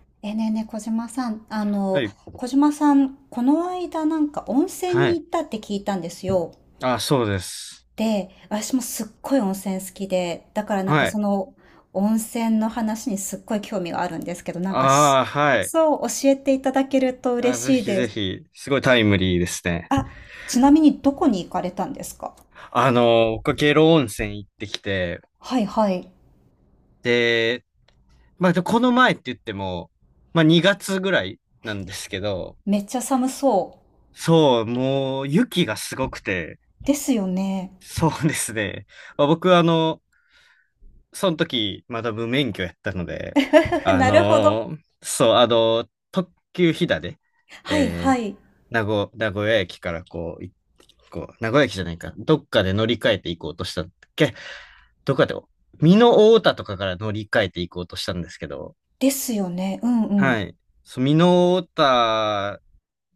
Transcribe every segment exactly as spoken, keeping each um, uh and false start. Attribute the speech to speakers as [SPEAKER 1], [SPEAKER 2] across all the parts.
[SPEAKER 1] ねえねえねえ、小島さん、あ
[SPEAKER 2] は
[SPEAKER 1] の、
[SPEAKER 2] い。
[SPEAKER 1] 小島さん、この間なんか温泉
[SPEAKER 2] は
[SPEAKER 1] に
[SPEAKER 2] い。
[SPEAKER 1] 行ったって聞いたんですよ。
[SPEAKER 2] あ、そうです。
[SPEAKER 1] で、私もすっごい温泉好きで、だからなんか
[SPEAKER 2] は
[SPEAKER 1] そ
[SPEAKER 2] い。
[SPEAKER 1] の温泉の話にすっごい興味があるんですけど、なんかし、
[SPEAKER 2] ああ、はい。
[SPEAKER 1] そう教えていただけると
[SPEAKER 2] あ、
[SPEAKER 1] 嬉
[SPEAKER 2] ぜ
[SPEAKER 1] しい
[SPEAKER 2] ひ
[SPEAKER 1] で
[SPEAKER 2] ぜ
[SPEAKER 1] す。
[SPEAKER 2] ひ、すごいタイムリーですね。
[SPEAKER 1] あ、ちなみにどこに行かれたんですか？
[SPEAKER 2] あの、僕、下呂温泉行ってきて、
[SPEAKER 1] はいはい。
[SPEAKER 2] で、まあ、でこの前って言っても、まあ、にがつぐらいなんですけど、
[SPEAKER 1] めっちゃ寒そ
[SPEAKER 2] そう、もう、雪がすごくて、
[SPEAKER 1] う。ですよね。
[SPEAKER 2] そうですね。まあ、僕、あの、その時、まだ無免許やったの で、
[SPEAKER 1] ふふ
[SPEAKER 2] あ
[SPEAKER 1] なるほど。
[SPEAKER 2] のーそう、あのー特急ひだで、
[SPEAKER 1] はい
[SPEAKER 2] え
[SPEAKER 1] は
[SPEAKER 2] ー、
[SPEAKER 1] い。
[SPEAKER 2] 名古、名古屋駅からこう、いこう、名古屋駅じゃないか、どっかで乗り換えていこうとしたんだっけ、どっかで、美濃太田とかから乗り換えていこうとしたんですけど、
[SPEAKER 1] ですよね。うんう
[SPEAKER 2] は
[SPEAKER 1] ん。
[SPEAKER 2] い。そう、美濃太田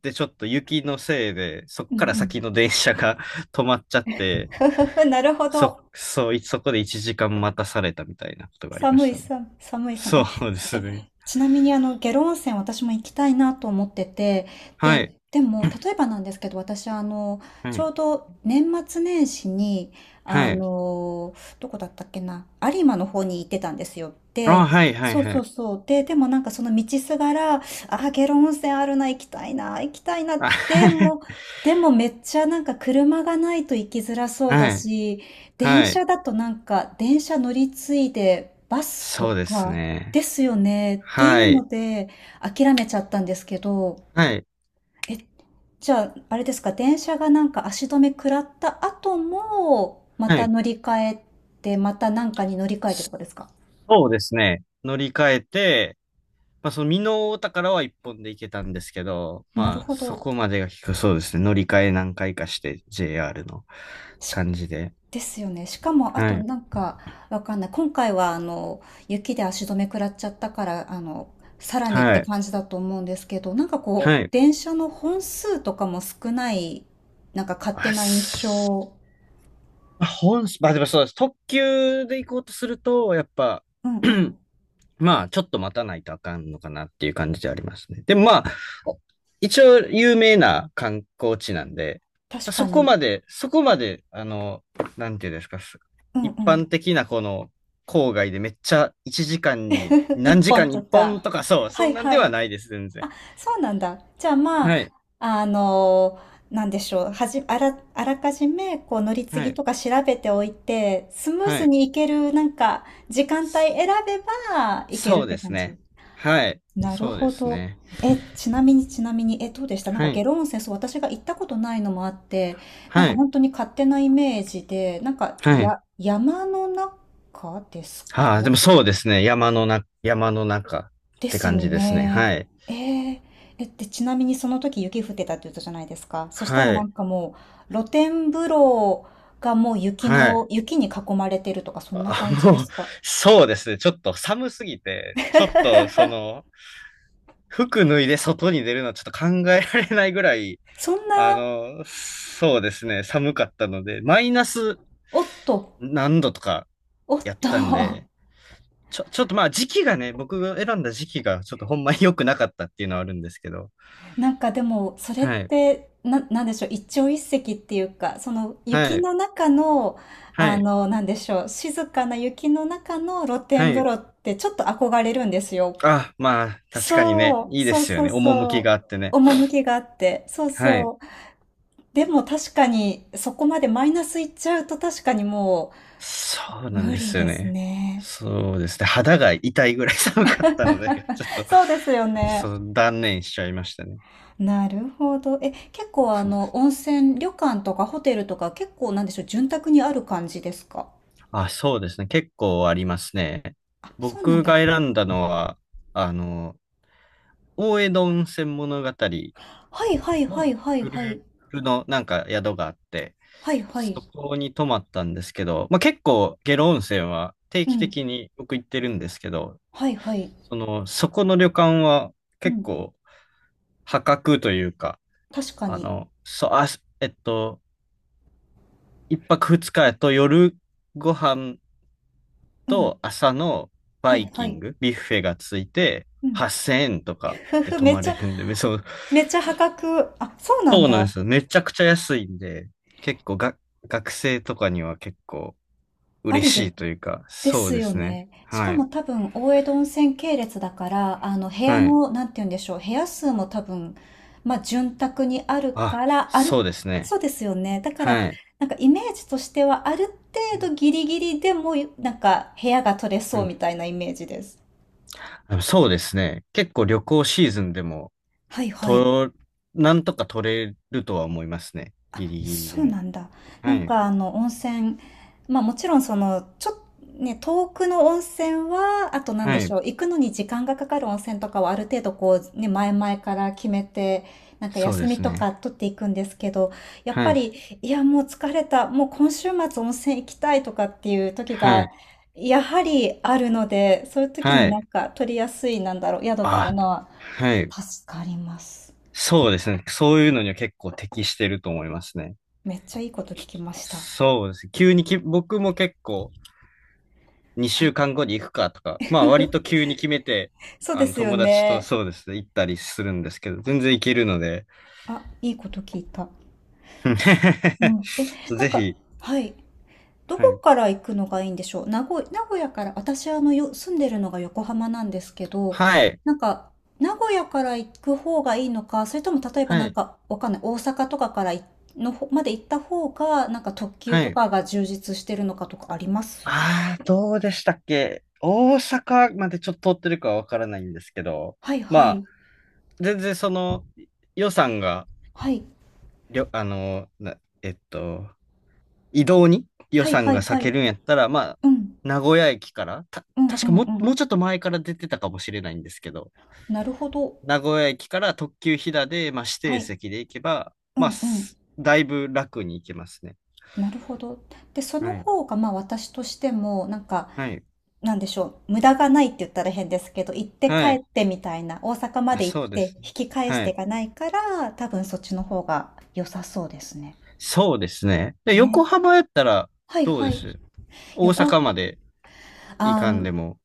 [SPEAKER 2] でちょっと雪のせいで、そっ
[SPEAKER 1] うんう
[SPEAKER 2] から先の
[SPEAKER 1] ん。
[SPEAKER 2] 電車が 止まっちゃっ て、
[SPEAKER 1] ふふふ、なるほ
[SPEAKER 2] そ、
[SPEAKER 1] ど。
[SPEAKER 2] そう、いそこでいちじかん待たされたみたいなことがありま
[SPEAKER 1] 寒
[SPEAKER 2] し
[SPEAKER 1] い
[SPEAKER 2] たね。
[SPEAKER 1] 寒い、寒い寒い。
[SPEAKER 2] そうで
[SPEAKER 1] え、
[SPEAKER 2] す
[SPEAKER 1] え、
[SPEAKER 2] ね。
[SPEAKER 1] ちなみにあの、下呂温泉私も行きたいなと思ってて、
[SPEAKER 2] は
[SPEAKER 1] で、
[SPEAKER 2] い。
[SPEAKER 1] でも、例えばなんですけど、私あの、
[SPEAKER 2] は
[SPEAKER 1] ちょ
[SPEAKER 2] い。
[SPEAKER 1] うど年末年始に、あ
[SPEAKER 2] はい。
[SPEAKER 1] の、どこだったっけな、有馬の方に行ってたんですよ。で、
[SPEAKER 2] あ、はい、はい、
[SPEAKER 1] そう
[SPEAKER 2] は
[SPEAKER 1] そう
[SPEAKER 2] い。
[SPEAKER 1] そう。で、でもなんかその道すがら、あー、下呂温泉あるな、行きたいな、行きたいな、
[SPEAKER 2] あ
[SPEAKER 1] でも、でもめっちゃなんか車がないと行きづらそうだ
[SPEAKER 2] はい。
[SPEAKER 1] し、電
[SPEAKER 2] はい。
[SPEAKER 1] 車だとなんか、電車乗り継いでバスと
[SPEAKER 2] そうです
[SPEAKER 1] かで
[SPEAKER 2] ね。
[SPEAKER 1] すよねって
[SPEAKER 2] は
[SPEAKER 1] いう
[SPEAKER 2] い。
[SPEAKER 1] ので諦めちゃったんですけど、
[SPEAKER 2] はい。
[SPEAKER 1] え、じゃあ、あれですか、電車がなんか足止め食らった後も、ま
[SPEAKER 2] は
[SPEAKER 1] た
[SPEAKER 2] い。
[SPEAKER 1] 乗り換えて、またなんかに乗り換えてとかですか？
[SPEAKER 2] そうですね。乗り換えて、まあ、その美濃太田からはいっぽんで行けたんですけど、
[SPEAKER 1] なる
[SPEAKER 2] まあ、
[SPEAKER 1] ほ
[SPEAKER 2] そ
[SPEAKER 1] ど。
[SPEAKER 2] こまでが結構そうですね。乗り換え何回かして、ジェーアール の感じで。
[SPEAKER 1] ですよね。しかも、あ
[SPEAKER 2] は
[SPEAKER 1] と
[SPEAKER 2] い。
[SPEAKER 1] なんか、わかんない。今回は、あの、雪で足止め食らっちゃったから、あの、さらにっ
[SPEAKER 2] は
[SPEAKER 1] て
[SPEAKER 2] い。
[SPEAKER 1] 感じだと思うんですけど、なんか
[SPEAKER 2] は
[SPEAKER 1] こう、
[SPEAKER 2] い。
[SPEAKER 1] 電車の本数とかも少ない、なんか勝手
[SPEAKER 2] あ、
[SPEAKER 1] な印
[SPEAKER 2] す
[SPEAKER 1] 象。
[SPEAKER 2] まあ、本、まあ、でもそうです。特急で行こうとすると、やっぱ、
[SPEAKER 1] うんうん。
[SPEAKER 2] まあ、ちょっと待たないとあかんのかなっていう感じでありますね。でもまあ、一応有名な観光地なんで、
[SPEAKER 1] 確
[SPEAKER 2] そ
[SPEAKER 1] か
[SPEAKER 2] こ
[SPEAKER 1] に。
[SPEAKER 2] まで、そこまで、あの、なんていうんですか、す
[SPEAKER 1] うんう
[SPEAKER 2] 一
[SPEAKER 1] ん。
[SPEAKER 2] 般的なこの郊外でめっちゃいちじかんに
[SPEAKER 1] 一
[SPEAKER 2] 何時間
[SPEAKER 1] 本
[SPEAKER 2] に1
[SPEAKER 1] と
[SPEAKER 2] 本
[SPEAKER 1] か。
[SPEAKER 2] とかそう、
[SPEAKER 1] は
[SPEAKER 2] そん
[SPEAKER 1] い
[SPEAKER 2] なんで
[SPEAKER 1] は
[SPEAKER 2] は
[SPEAKER 1] い。
[SPEAKER 2] ないです、全然。
[SPEAKER 1] そうなんだ。じゃあま
[SPEAKER 2] は
[SPEAKER 1] あ、
[SPEAKER 2] い、
[SPEAKER 1] あの、なんでしょう。はじ、あら、あらかじめ、こう、乗り継
[SPEAKER 2] は
[SPEAKER 1] ぎ
[SPEAKER 2] い、
[SPEAKER 1] とか調べておいて、スムー
[SPEAKER 2] は
[SPEAKER 1] ス
[SPEAKER 2] い。
[SPEAKER 1] に行ける、なんか、時間帯
[SPEAKER 2] そ
[SPEAKER 1] 選べば、行ける
[SPEAKER 2] そ
[SPEAKER 1] っ
[SPEAKER 2] う
[SPEAKER 1] て
[SPEAKER 2] です
[SPEAKER 1] 感じ。
[SPEAKER 2] ね。はい、
[SPEAKER 1] なる
[SPEAKER 2] そうで
[SPEAKER 1] ほ
[SPEAKER 2] す
[SPEAKER 1] ど。
[SPEAKER 2] ね。
[SPEAKER 1] え、ちなみに、ちなみに、え、どうでしたなんか、
[SPEAKER 2] は
[SPEAKER 1] 下
[SPEAKER 2] い、
[SPEAKER 1] 呂温泉、そう、私が行ったことないのもあって、なん
[SPEAKER 2] は
[SPEAKER 1] か、
[SPEAKER 2] い、
[SPEAKER 1] 本当に勝手なイメージで、なんか、
[SPEAKER 2] はい。
[SPEAKER 1] や、山の中ですか？
[SPEAKER 2] ああ、でもそうですね。山のな、山の中っ
[SPEAKER 1] で
[SPEAKER 2] て
[SPEAKER 1] す
[SPEAKER 2] 感
[SPEAKER 1] よ
[SPEAKER 2] じですね。
[SPEAKER 1] ね。
[SPEAKER 2] はい。
[SPEAKER 1] えええ、で、ちなみにその時雪降ってたって言ったじゃないですか。そしたら
[SPEAKER 2] は
[SPEAKER 1] な
[SPEAKER 2] い。
[SPEAKER 1] んかもう露天風呂がもう雪
[SPEAKER 2] は
[SPEAKER 1] の、
[SPEAKER 2] い。
[SPEAKER 1] 雪に囲まれてるとかそんな
[SPEAKER 2] あ、
[SPEAKER 1] 感じで
[SPEAKER 2] もう、
[SPEAKER 1] すか。
[SPEAKER 2] そうですね。ちょっと寒すぎて、ちょっとその、服脱いで外に出るのはちょっと考えられないぐらい、
[SPEAKER 1] そん
[SPEAKER 2] あ
[SPEAKER 1] な、
[SPEAKER 2] の、そうですね。寒かったので、マイナス
[SPEAKER 1] おっと、
[SPEAKER 2] 何度とか
[SPEAKER 1] おっ
[SPEAKER 2] やっ
[SPEAKER 1] と、
[SPEAKER 2] たんで、ちょ、ちょっとまあ時期がね、僕が選んだ時期がちょっとほんまに良くなかったっていうのはあるんですけど、
[SPEAKER 1] なんかでもそれっ
[SPEAKER 2] はい。
[SPEAKER 1] て、な、なんでしょう、一朝一夕っていうか、その雪
[SPEAKER 2] はい。
[SPEAKER 1] の中の、
[SPEAKER 2] は
[SPEAKER 1] あ
[SPEAKER 2] い。
[SPEAKER 1] の、なんでしょう、静かな雪の中の露
[SPEAKER 2] は
[SPEAKER 1] 天風
[SPEAKER 2] い。
[SPEAKER 1] 呂ってちょっと憧れるんですよ。
[SPEAKER 2] あ、まあ、確かにね、
[SPEAKER 1] そう、
[SPEAKER 2] いいで
[SPEAKER 1] そう
[SPEAKER 2] すよ
[SPEAKER 1] そう
[SPEAKER 2] ね。
[SPEAKER 1] そ
[SPEAKER 2] 趣
[SPEAKER 1] う。
[SPEAKER 2] があってね。
[SPEAKER 1] 趣があって。そう
[SPEAKER 2] はい。
[SPEAKER 1] そう。でも確かに、そこまでマイナスいっちゃうと確かにも
[SPEAKER 2] そう
[SPEAKER 1] う、
[SPEAKER 2] なん
[SPEAKER 1] 無
[SPEAKER 2] で
[SPEAKER 1] 理
[SPEAKER 2] すよ
[SPEAKER 1] です
[SPEAKER 2] ね。
[SPEAKER 1] ね。
[SPEAKER 2] そうですね。肌が痛いぐらい 寒かったので、ちょっと、
[SPEAKER 1] そうですよね。
[SPEAKER 2] そう、断念しちゃいましたね。
[SPEAKER 1] なるほど。え、結構あ
[SPEAKER 2] そうで
[SPEAKER 1] の、
[SPEAKER 2] すね。
[SPEAKER 1] 温泉、旅館とかホテルとか結構なんでしょう、潤沢にある感じですか？
[SPEAKER 2] あ、そうですね。結構ありますね。
[SPEAKER 1] あ、そうなん
[SPEAKER 2] 僕が
[SPEAKER 1] だ。
[SPEAKER 2] 選んだのは、あの、大江戸温泉物語
[SPEAKER 1] はいはいはい
[SPEAKER 2] の
[SPEAKER 1] はい
[SPEAKER 2] グル
[SPEAKER 1] はい。
[SPEAKER 2] ープのなんか宿があって、
[SPEAKER 1] はいはい。
[SPEAKER 2] そこに泊まったんですけど、まあ、結構下呂温泉は定
[SPEAKER 1] う
[SPEAKER 2] 期
[SPEAKER 1] ん。
[SPEAKER 2] 的に僕行ってるんですけど、
[SPEAKER 1] はいはい。
[SPEAKER 2] その、そこの旅館は
[SPEAKER 1] う
[SPEAKER 2] 結
[SPEAKER 1] ん。
[SPEAKER 2] 構破格というか、
[SPEAKER 1] 確か
[SPEAKER 2] あ
[SPEAKER 1] に。
[SPEAKER 2] の、そう、あ、えっと、いっぱくふつかやと夜ご飯
[SPEAKER 1] うん。
[SPEAKER 2] と朝の
[SPEAKER 1] は
[SPEAKER 2] バ
[SPEAKER 1] い
[SPEAKER 2] イ
[SPEAKER 1] は
[SPEAKER 2] キン
[SPEAKER 1] い。
[SPEAKER 2] グ、ビュッフェがついて
[SPEAKER 1] うん。
[SPEAKER 2] はっせんえんとか
[SPEAKER 1] ふ
[SPEAKER 2] で
[SPEAKER 1] ふ、
[SPEAKER 2] 泊
[SPEAKER 1] めっ
[SPEAKER 2] ま
[SPEAKER 1] ち
[SPEAKER 2] れ
[SPEAKER 1] ゃ、
[SPEAKER 2] るんで、めそう、
[SPEAKER 1] めっちゃ破格。あ、そうなん
[SPEAKER 2] そうなんで
[SPEAKER 1] だ。
[SPEAKER 2] すよ。めちゃくちゃ安いんで、結構が、学生とかには結構
[SPEAKER 1] あ
[SPEAKER 2] 嬉
[SPEAKER 1] り
[SPEAKER 2] し
[SPEAKER 1] で、
[SPEAKER 2] いというか、
[SPEAKER 1] で
[SPEAKER 2] そう
[SPEAKER 1] す
[SPEAKER 2] で
[SPEAKER 1] よ
[SPEAKER 2] すね。
[SPEAKER 1] ね。しか
[SPEAKER 2] はい。
[SPEAKER 1] も多分、大江戸温泉系列だから、あの、部屋
[SPEAKER 2] はい。
[SPEAKER 1] の、なんて言うんでしょう、部屋数も多分、まあ、潤沢にある
[SPEAKER 2] あ、
[SPEAKER 1] から、ある、
[SPEAKER 2] そうですね。
[SPEAKER 1] そうですよね。だから、
[SPEAKER 2] はい。
[SPEAKER 1] なんかイメージとしては、ある程度ギリギリでも、なんか、部屋が取れそうみたいなイメージです。
[SPEAKER 2] うん、そうですね。結構旅行シーズンでも、
[SPEAKER 1] はいはい。
[SPEAKER 2] と、なんとか取れるとは思いますね。ギリギリで
[SPEAKER 1] そうな
[SPEAKER 2] も。
[SPEAKER 1] んだ。な
[SPEAKER 2] は
[SPEAKER 1] ん
[SPEAKER 2] い。
[SPEAKER 1] かあの温泉、まあもちろんそのちょっとね、遠くの温泉は、あとなんで
[SPEAKER 2] は
[SPEAKER 1] し
[SPEAKER 2] い。
[SPEAKER 1] ょう、行くのに時間がかかる温泉とかはある程度こうね、前々から決めて、なんか
[SPEAKER 2] そう
[SPEAKER 1] 休
[SPEAKER 2] で
[SPEAKER 1] み
[SPEAKER 2] す
[SPEAKER 1] とか
[SPEAKER 2] ね。
[SPEAKER 1] 取っていくんですけど、やっ
[SPEAKER 2] は
[SPEAKER 1] ぱ
[SPEAKER 2] い。
[SPEAKER 1] り、いやもう疲れた、もう今週末温泉行きたいとかっていう時
[SPEAKER 2] は
[SPEAKER 1] が、
[SPEAKER 2] い。
[SPEAKER 1] やはりあるので、そういう時に
[SPEAKER 2] はい。
[SPEAKER 1] なんか取りやすい、なんだろう、宿がある
[SPEAKER 2] あ、
[SPEAKER 1] のは
[SPEAKER 2] はい。
[SPEAKER 1] 助かります。
[SPEAKER 2] そうですね。そういうのには結構適してると思いますね。
[SPEAKER 1] めっちゃいいこと聞きました。
[SPEAKER 2] そうです。急にき、僕も結構2
[SPEAKER 1] は
[SPEAKER 2] 週
[SPEAKER 1] い。
[SPEAKER 2] 間後に行くかとか、まあ割と急に決めて、
[SPEAKER 1] そう
[SPEAKER 2] あ
[SPEAKER 1] で
[SPEAKER 2] の
[SPEAKER 1] すよ
[SPEAKER 2] 友達と
[SPEAKER 1] ね。
[SPEAKER 2] そうですね、行ったりするんですけど、全然行けるので、
[SPEAKER 1] あ、いいこと聞いた。うん。え、
[SPEAKER 2] そう
[SPEAKER 1] なん
[SPEAKER 2] ぜ
[SPEAKER 1] か、
[SPEAKER 2] ひ、
[SPEAKER 1] はい。ど
[SPEAKER 2] は
[SPEAKER 1] こ
[SPEAKER 2] い。
[SPEAKER 1] から行くのがいいんでしょう。名古、名古屋から、私あのよ、住んでるのが横浜なんですけど、
[SPEAKER 2] はい。
[SPEAKER 1] なんか、名古屋から行く方がいいのか、それとも例えば
[SPEAKER 2] は
[SPEAKER 1] なん
[SPEAKER 2] い。
[SPEAKER 1] か、わかんない、大阪とかからいの方まで行った方が、なんか特急
[SPEAKER 2] は
[SPEAKER 1] と
[SPEAKER 2] い。
[SPEAKER 1] かが充実してるのかとかあります？
[SPEAKER 2] ああ、どうでしたっけ大阪までちょっと通ってるかはわからないんですけど、
[SPEAKER 1] はいは
[SPEAKER 2] まあ、
[SPEAKER 1] い。
[SPEAKER 2] 全然その予算が、
[SPEAKER 1] はい。
[SPEAKER 2] りょ、あの、な、えっと、移動に予
[SPEAKER 1] はい
[SPEAKER 2] 算
[SPEAKER 1] は
[SPEAKER 2] が
[SPEAKER 1] い
[SPEAKER 2] 割
[SPEAKER 1] はい。
[SPEAKER 2] けるんやったら、まあ、
[SPEAKER 1] うん。
[SPEAKER 2] 名古屋駅から、た、
[SPEAKER 1] うん
[SPEAKER 2] 確
[SPEAKER 1] う
[SPEAKER 2] か
[SPEAKER 1] ん
[SPEAKER 2] も
[SPEAKER 1] う
[SPEAKER 2] う、も
[SPEAKER 1] ん。
[SPEAKER 2] うちょっと前から出てたかもしれないんですけど、
[SPEAKER 1] なるほど。
[SPEAKER 2] 名古屋駅から特急ひだで、まあ、指
[SPEAKER 1] は
[SPEAKER 2] 定
[SPEAKER 1] い。
[SPEAKER 2] 席で行けば、
[SPEAKER 1] う
[SPEAKER 2] まあ、
[SPEAKER 1] ん
[SPEAKER 2] すだいぶ楽に行けますね。
[SPEAKER 1] なるほど。で、その
[SPEAKER 2] はい。
[SPEAKER 1] 方が、まあ、私としても、なんか、
[SPEAKER 2] はい。
[SPEAKER 1] なんでしょう、無駄がないって言ったら変ですけど、行って
[SPEAKER 2] は
[SPEAKER 1] 帰っ
[SPEAKER 2] い。
[SPEAKER 1] てみたいな、大阪ま
[SPEAKER 2] あ、
[SPEAKER 1] で行
[SPEAKER 2] そう
[SPEAKER 1] っ
[SPEAKER 2] で
[SPEAKER 1] て
[SPEAKER 2] す
[SPEAKER 1] 引
[SPEAKER 2] ね。
[SPEAKER 1] き返し
[SPEAKER 2] は
[SPEAKER 1] て
[SPEAKER 2] い。
[SPEAKER 1] がないから、多分そっちの方が良さそうですね。
[SPEAKER 2] そうですね。で、
[SPEAKER 1] ね。
[SPEAKER 2] 横浜やったら
[SPEAKER 1] はい
[SPEAKER 2] どう
[SPEAKER 1] は
[SPEAKER 2] で
[SPEAKER 1] い。
[SPEAKER 2] す、大阪ま
[SPEAKER 1] 横、
[SPEAKER 2] で行
[SPEAKER 1] あ
[SPEAKER 2] かん
[SPEAKER 1] ー、
[SPEAKER 2] でも。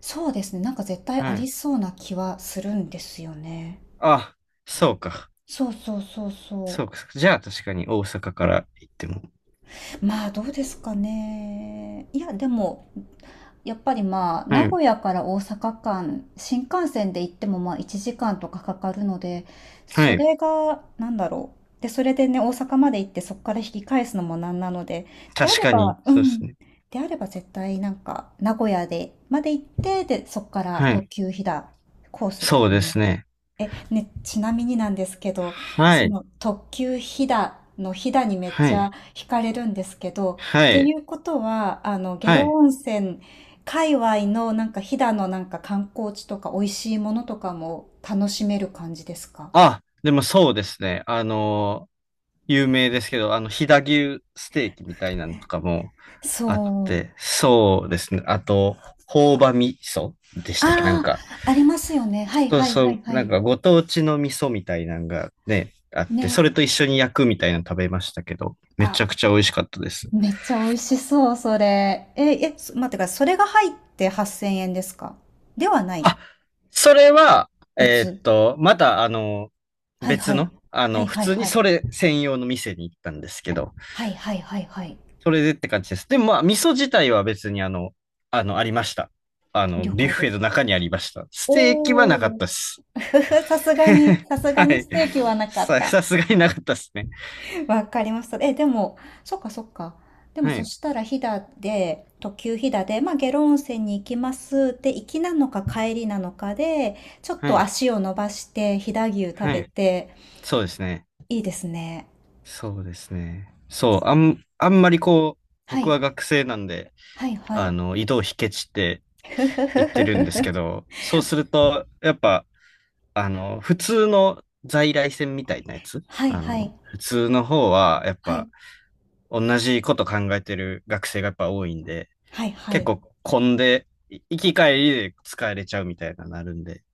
[SPEAKER 1] そうですね。なんか絶対あ
[SPEAKER 2] は
[SPEAKER 1] り
[SPEAKER 2] い。
[SPEAKER 1] そうな気はするんですよね。
[SPEAKER 2] あ、そうか。
[SPEAKER 1] そうそうそうそ
[SPEAKER 2] そうか。じゃあ確かに大阪から行っても。
[SPEAKER 1] う。まあ、どうですかね。いや、でも、やっぱりまあ、
[SPEAKER 2] は
[SPEAKER 1] 名
[SPEAKER 2] い。
[SPEAKER 1] 古屋から大阪間、新幹線で行ってもまあいちじかんとかかかるので、
[SPEAKER 2] は
[SPEAKER 1] そ
[SPEAKER 2] い。
[SPEAKER 1] れが、なんだろう。で、それでね、大阪まで行ってそこから引き返すのもなんなので、であ
[SPEAKER 2] 確
[SPEAKER 1] れ
[SPEAKER 2] かに。
[SPEAKER 1] ば、う
[SPEAKER 2] そうです
[SPEAKER 1] ん。
[SPEAKER 2] ね。
[SPEAKER 1] であれば絶対なんか、名古屋で、まで行って、で、そこから
[SPEAKER 2] は
[SPEAKER 1] 特
[SPEAKER 2] い。
[SPEAKER 1] 急飛騨コースで
[SPEAKER 2] そう
[SPEAKER 1] す
[SPEAKER 2] で
[SPEAKER 1] ね。
[SPEAKER 2] すね。
[SPEAKER 1] ね、ちなみになんですけど、
[SPEAKER 2] は
[SPEAKER 1] そ
[SPEAKER 2] い。
[SPEAKER 1] の特急ひだのひだにめっ
[SPEAKER 2] は
[SPEAKER 1] ちゃ
[SPEAKER 2] い。
[SPEAKER 1] 惹かれるんですけど、
[SPEAKER 2] は
[SPEAKER 1] ってい
[SPEAKER 2] い。
[SPEAKER 1] うことは、あの、下
[SPEAKER 2] は
[SPEAKER 1] 呂
[SPEAKER 2] い。
[SPEAKER 1] 温泉界隈のなんかひだのなんか観光地とか美味しいものとかも楽しめる感じですか？
[SPEAKER 2] あ、でもそうですね。あのー有名ですけど、あの、飛騨牛ステーキみたいなのとかもあっ
[SPEAKER 1] そう。
[SPEAKER 2] て、そうですね。あと、朴葉味噌でしたっけなん
[SPEAKER 1] ああ、
[SPEAKER 2] か、
[SPEAKER 1] ありますよね。はい
[SPEAKER 2] そう
[SPEAKER 1] はい
[SPEAKER 2] そ
[SPEAKER 1] はい
[SPEAKER 2] う、
[SPEAKER 1] は
[SPEAKER 2] なん
[SPEAKER 1] い。
[SPEAKER 2] かご当地の味噌みたいなのがね、あって、そ
[SPEAKER 1] ね。
[SPEAKER 2] れと一緒に焼くみたいなの食べましたけど、め
[SPEAKER 1] あ、
[SPEAKER 2] ちゃくちゃ美味しかったです。
[SPEAKER 1] めっちゃ美味しそう、それ。え、え、そ待ってください。それが入ってはっせんえんですか？ではない。
[SPEAKER 2] あ、それは、
[SPEAKER 1] 別。
[SPEAKER 2] えーっと、またあの、
[SPEAKER 1] はい
[SPEAKER 2] 別
[SPEAKER 1] はい。
[SPEAKER 2] の、あ
[SPEAKER 1] は
[SPEAKER 2] の、
[SPEAKER 1] い
[SPEAKER 2] 普
[SPEAKER 1] はい
[SPEAKER 2] 通に
[SPEAKER 1] はい。
[SPEAKER 2] それ専用の店に行ったんですけど、
[SPEAKER 1] はいはいはいはい。
[SPEAKER 2] それでって感じです。でもまあ、味噌自体は別にあの、あの、ありました。あの、
[SPEAKER 1] 了
[SPEAKER 2] ビュッ
[SPEAKER 1] 解で
[SPEAKER 2] フェの
[SPEAKER 1] す。
[SPEAKER 2] 中にありました。ステーキはなか
[SPEAKER 1] お
[SPEAKER 2] っ
[SPEAKER 1] お、
[SPEAKER 2] たです。
[SPEAKER 1] さすがに、さすが
[SPEAKER 2] は
[SPEAKER 1] に
[SPEAKER 2] い。
[SPEAKER 1] ステーキはなかっ
[SPEAKER 2] さ、
[SPEAKER 1] た。
[SPEAKER 2] さすがになかったですね。
[SPEAKER 1] わかりました。え、でも、そっかそっか。でも
[SPEAKER 2] は
[SPEAKER 1] そ
[SPEAKER 2] い。
[SPEAKER 1] したら飛騨で、特急飛騨で、まあ、下呂温泉に行きますで行きなのか帰りなのかで、ちょっ
[SPEAKER 2] は
[SPEAKER 1] と
[SPEAKER 2] い。
[SPEAKER 1] 足を伸ばして飛騨牛食
[SPEAKER 2] は
[SPEAKER 1] べ
[SPEAKER 2] い。
[SPEAKER 1] て、
[SPEAKER 2] そうですね。
[SPEAKER 1] いいですね。
[SPEAKER 2] そうですね。そう、あん、あんまりこう、
[SPEAKER 1] は
[SPEAKER 2] 僕
[SPEAKER 1] い、
[SPEAKER 2] は学生なんで、
[SPEAKER 1] はい、は
[SPEAKER 2] あ
[SPEAKER 1] い。
[SPEAKER 2] の、移動費ケチって言ってるんですけ ど、そうすると、やっぱ、あの、普通の在来線みたいなやつ、
[SPEAKER 1] はい、
[SPEAKER 2] あ
[SPEAKER 1] はい、
[SPEAKER 2] の、普通の方は、やっ
[SPEAKER 1] は
[SPEAKER 2] ぱ、
[SPEAKER 1] い、
[SPEAKER 2] 同じこと考えてる学生がやっぱ多いんで、
[SPEAKER 1] はい、は
[SPEAKER 2] 結
[SPEAKER 1] い。
[SPEAKER 2] 構混んで、い行き帰りで使えれちゃうみたいななるんで、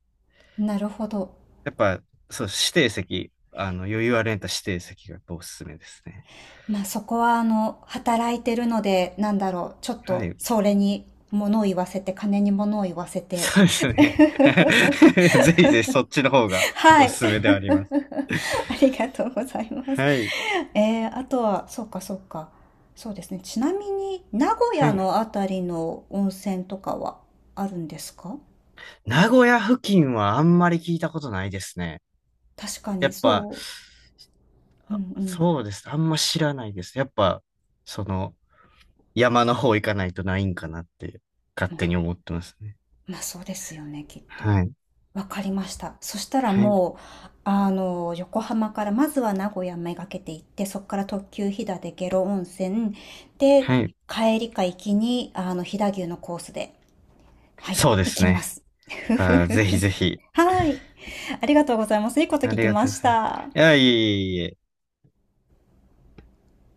[SPEAKER 1] なるほど。
[SPEAKER 2] やっぱ、そう、指定席、あの、余裕あるんやったら指定席がやっぱおすすめですね。
[SPEAKER 1] まあそこはあの、働いてるので、なんだろう、ちょっ
[SPEAKER 2] は
[SPEAKER 1] と
[SPEAKER 2] い。
[SPEAKER 1] それに物を言わせて、金に物を言わせて。
[SPEAKER 2] そうですね。ぜひぜひそっちの方が
[SPEAKER 1] は
[SPEAKER 2] お
[SPEAKER 1] い。
[SPEAKER 2] すす めではあります。
[SPEAKER 1] ありがとうございます。
[SPEAKER 2] はい。
[SPEAKER 1] えー、あとは、そうかそうか。そうですね。ちなみに、名古
[SPEAKER 2] は
[SPEAKER 1] 屋
[SPEAKER 2] い。
[SPEAKER 1] のあたりの温泉とかはあるんですか？
[SPEAKER 2] 名古屋付近はあんまり聞いたことないですね。
[SPEAKER 1] 確か
[SPEAKER 2] や
[SPEAKER 1] に、
[SPEAKER 2] っぱ、
[SPEAKER 1] そう。うんうん。
[SPEAKER 2] そうです。あんま知らないです。やっぱ、その、山の方行かないとないんかなって勝
[SPEAKER 1] ま
[SPEAKER 2] 手
[SPEAKER 1] あ、
[SPEAKER 2] に思ってますね。
[SPEAKER 1] まあそうですよね、きっと。
[SPEAKER 2] はい。
[SPEAKER 1] わかりました。そしたら
[SPEAKER 2] はい。
[SPEAKER 1] もう、あの、横浜から、まずは名古屋めがけて行って、そこから特急飛騨で下呂温泉、
[SPEAKER 2] は
[SPEAKER 1] で、
[SPEAKER 2] い。
[SPEAKER 1] 帰りか行きに、あの、飛騨牛のコースで、はい、
[SPEAKER 2] そうで
[SPEAKER 1] 行
[SPEAKER 2] す
[SPEAKER 1] きま
[SPEAKER 2] ね。
[SPEAKER 1] す。
[SPEAKER 2] あー、ぜひぜひ。
[SPEAKER 1] はい、ありがとうございます。いいこと
[SPEAKER 2] あ
[SPEAKER 1] 聞
[SPEAKER 2] り
[SPEAKER 1] き
[SPEAKER 2] が
[SPEAKER 1] ま
[SPEAKER 2] とうご
[SPEAKER 1] し
[SPEAKER 2] ざいます。
[SPEAKER 1] た。
[SPEAKER 2] いや、いえいえいえ。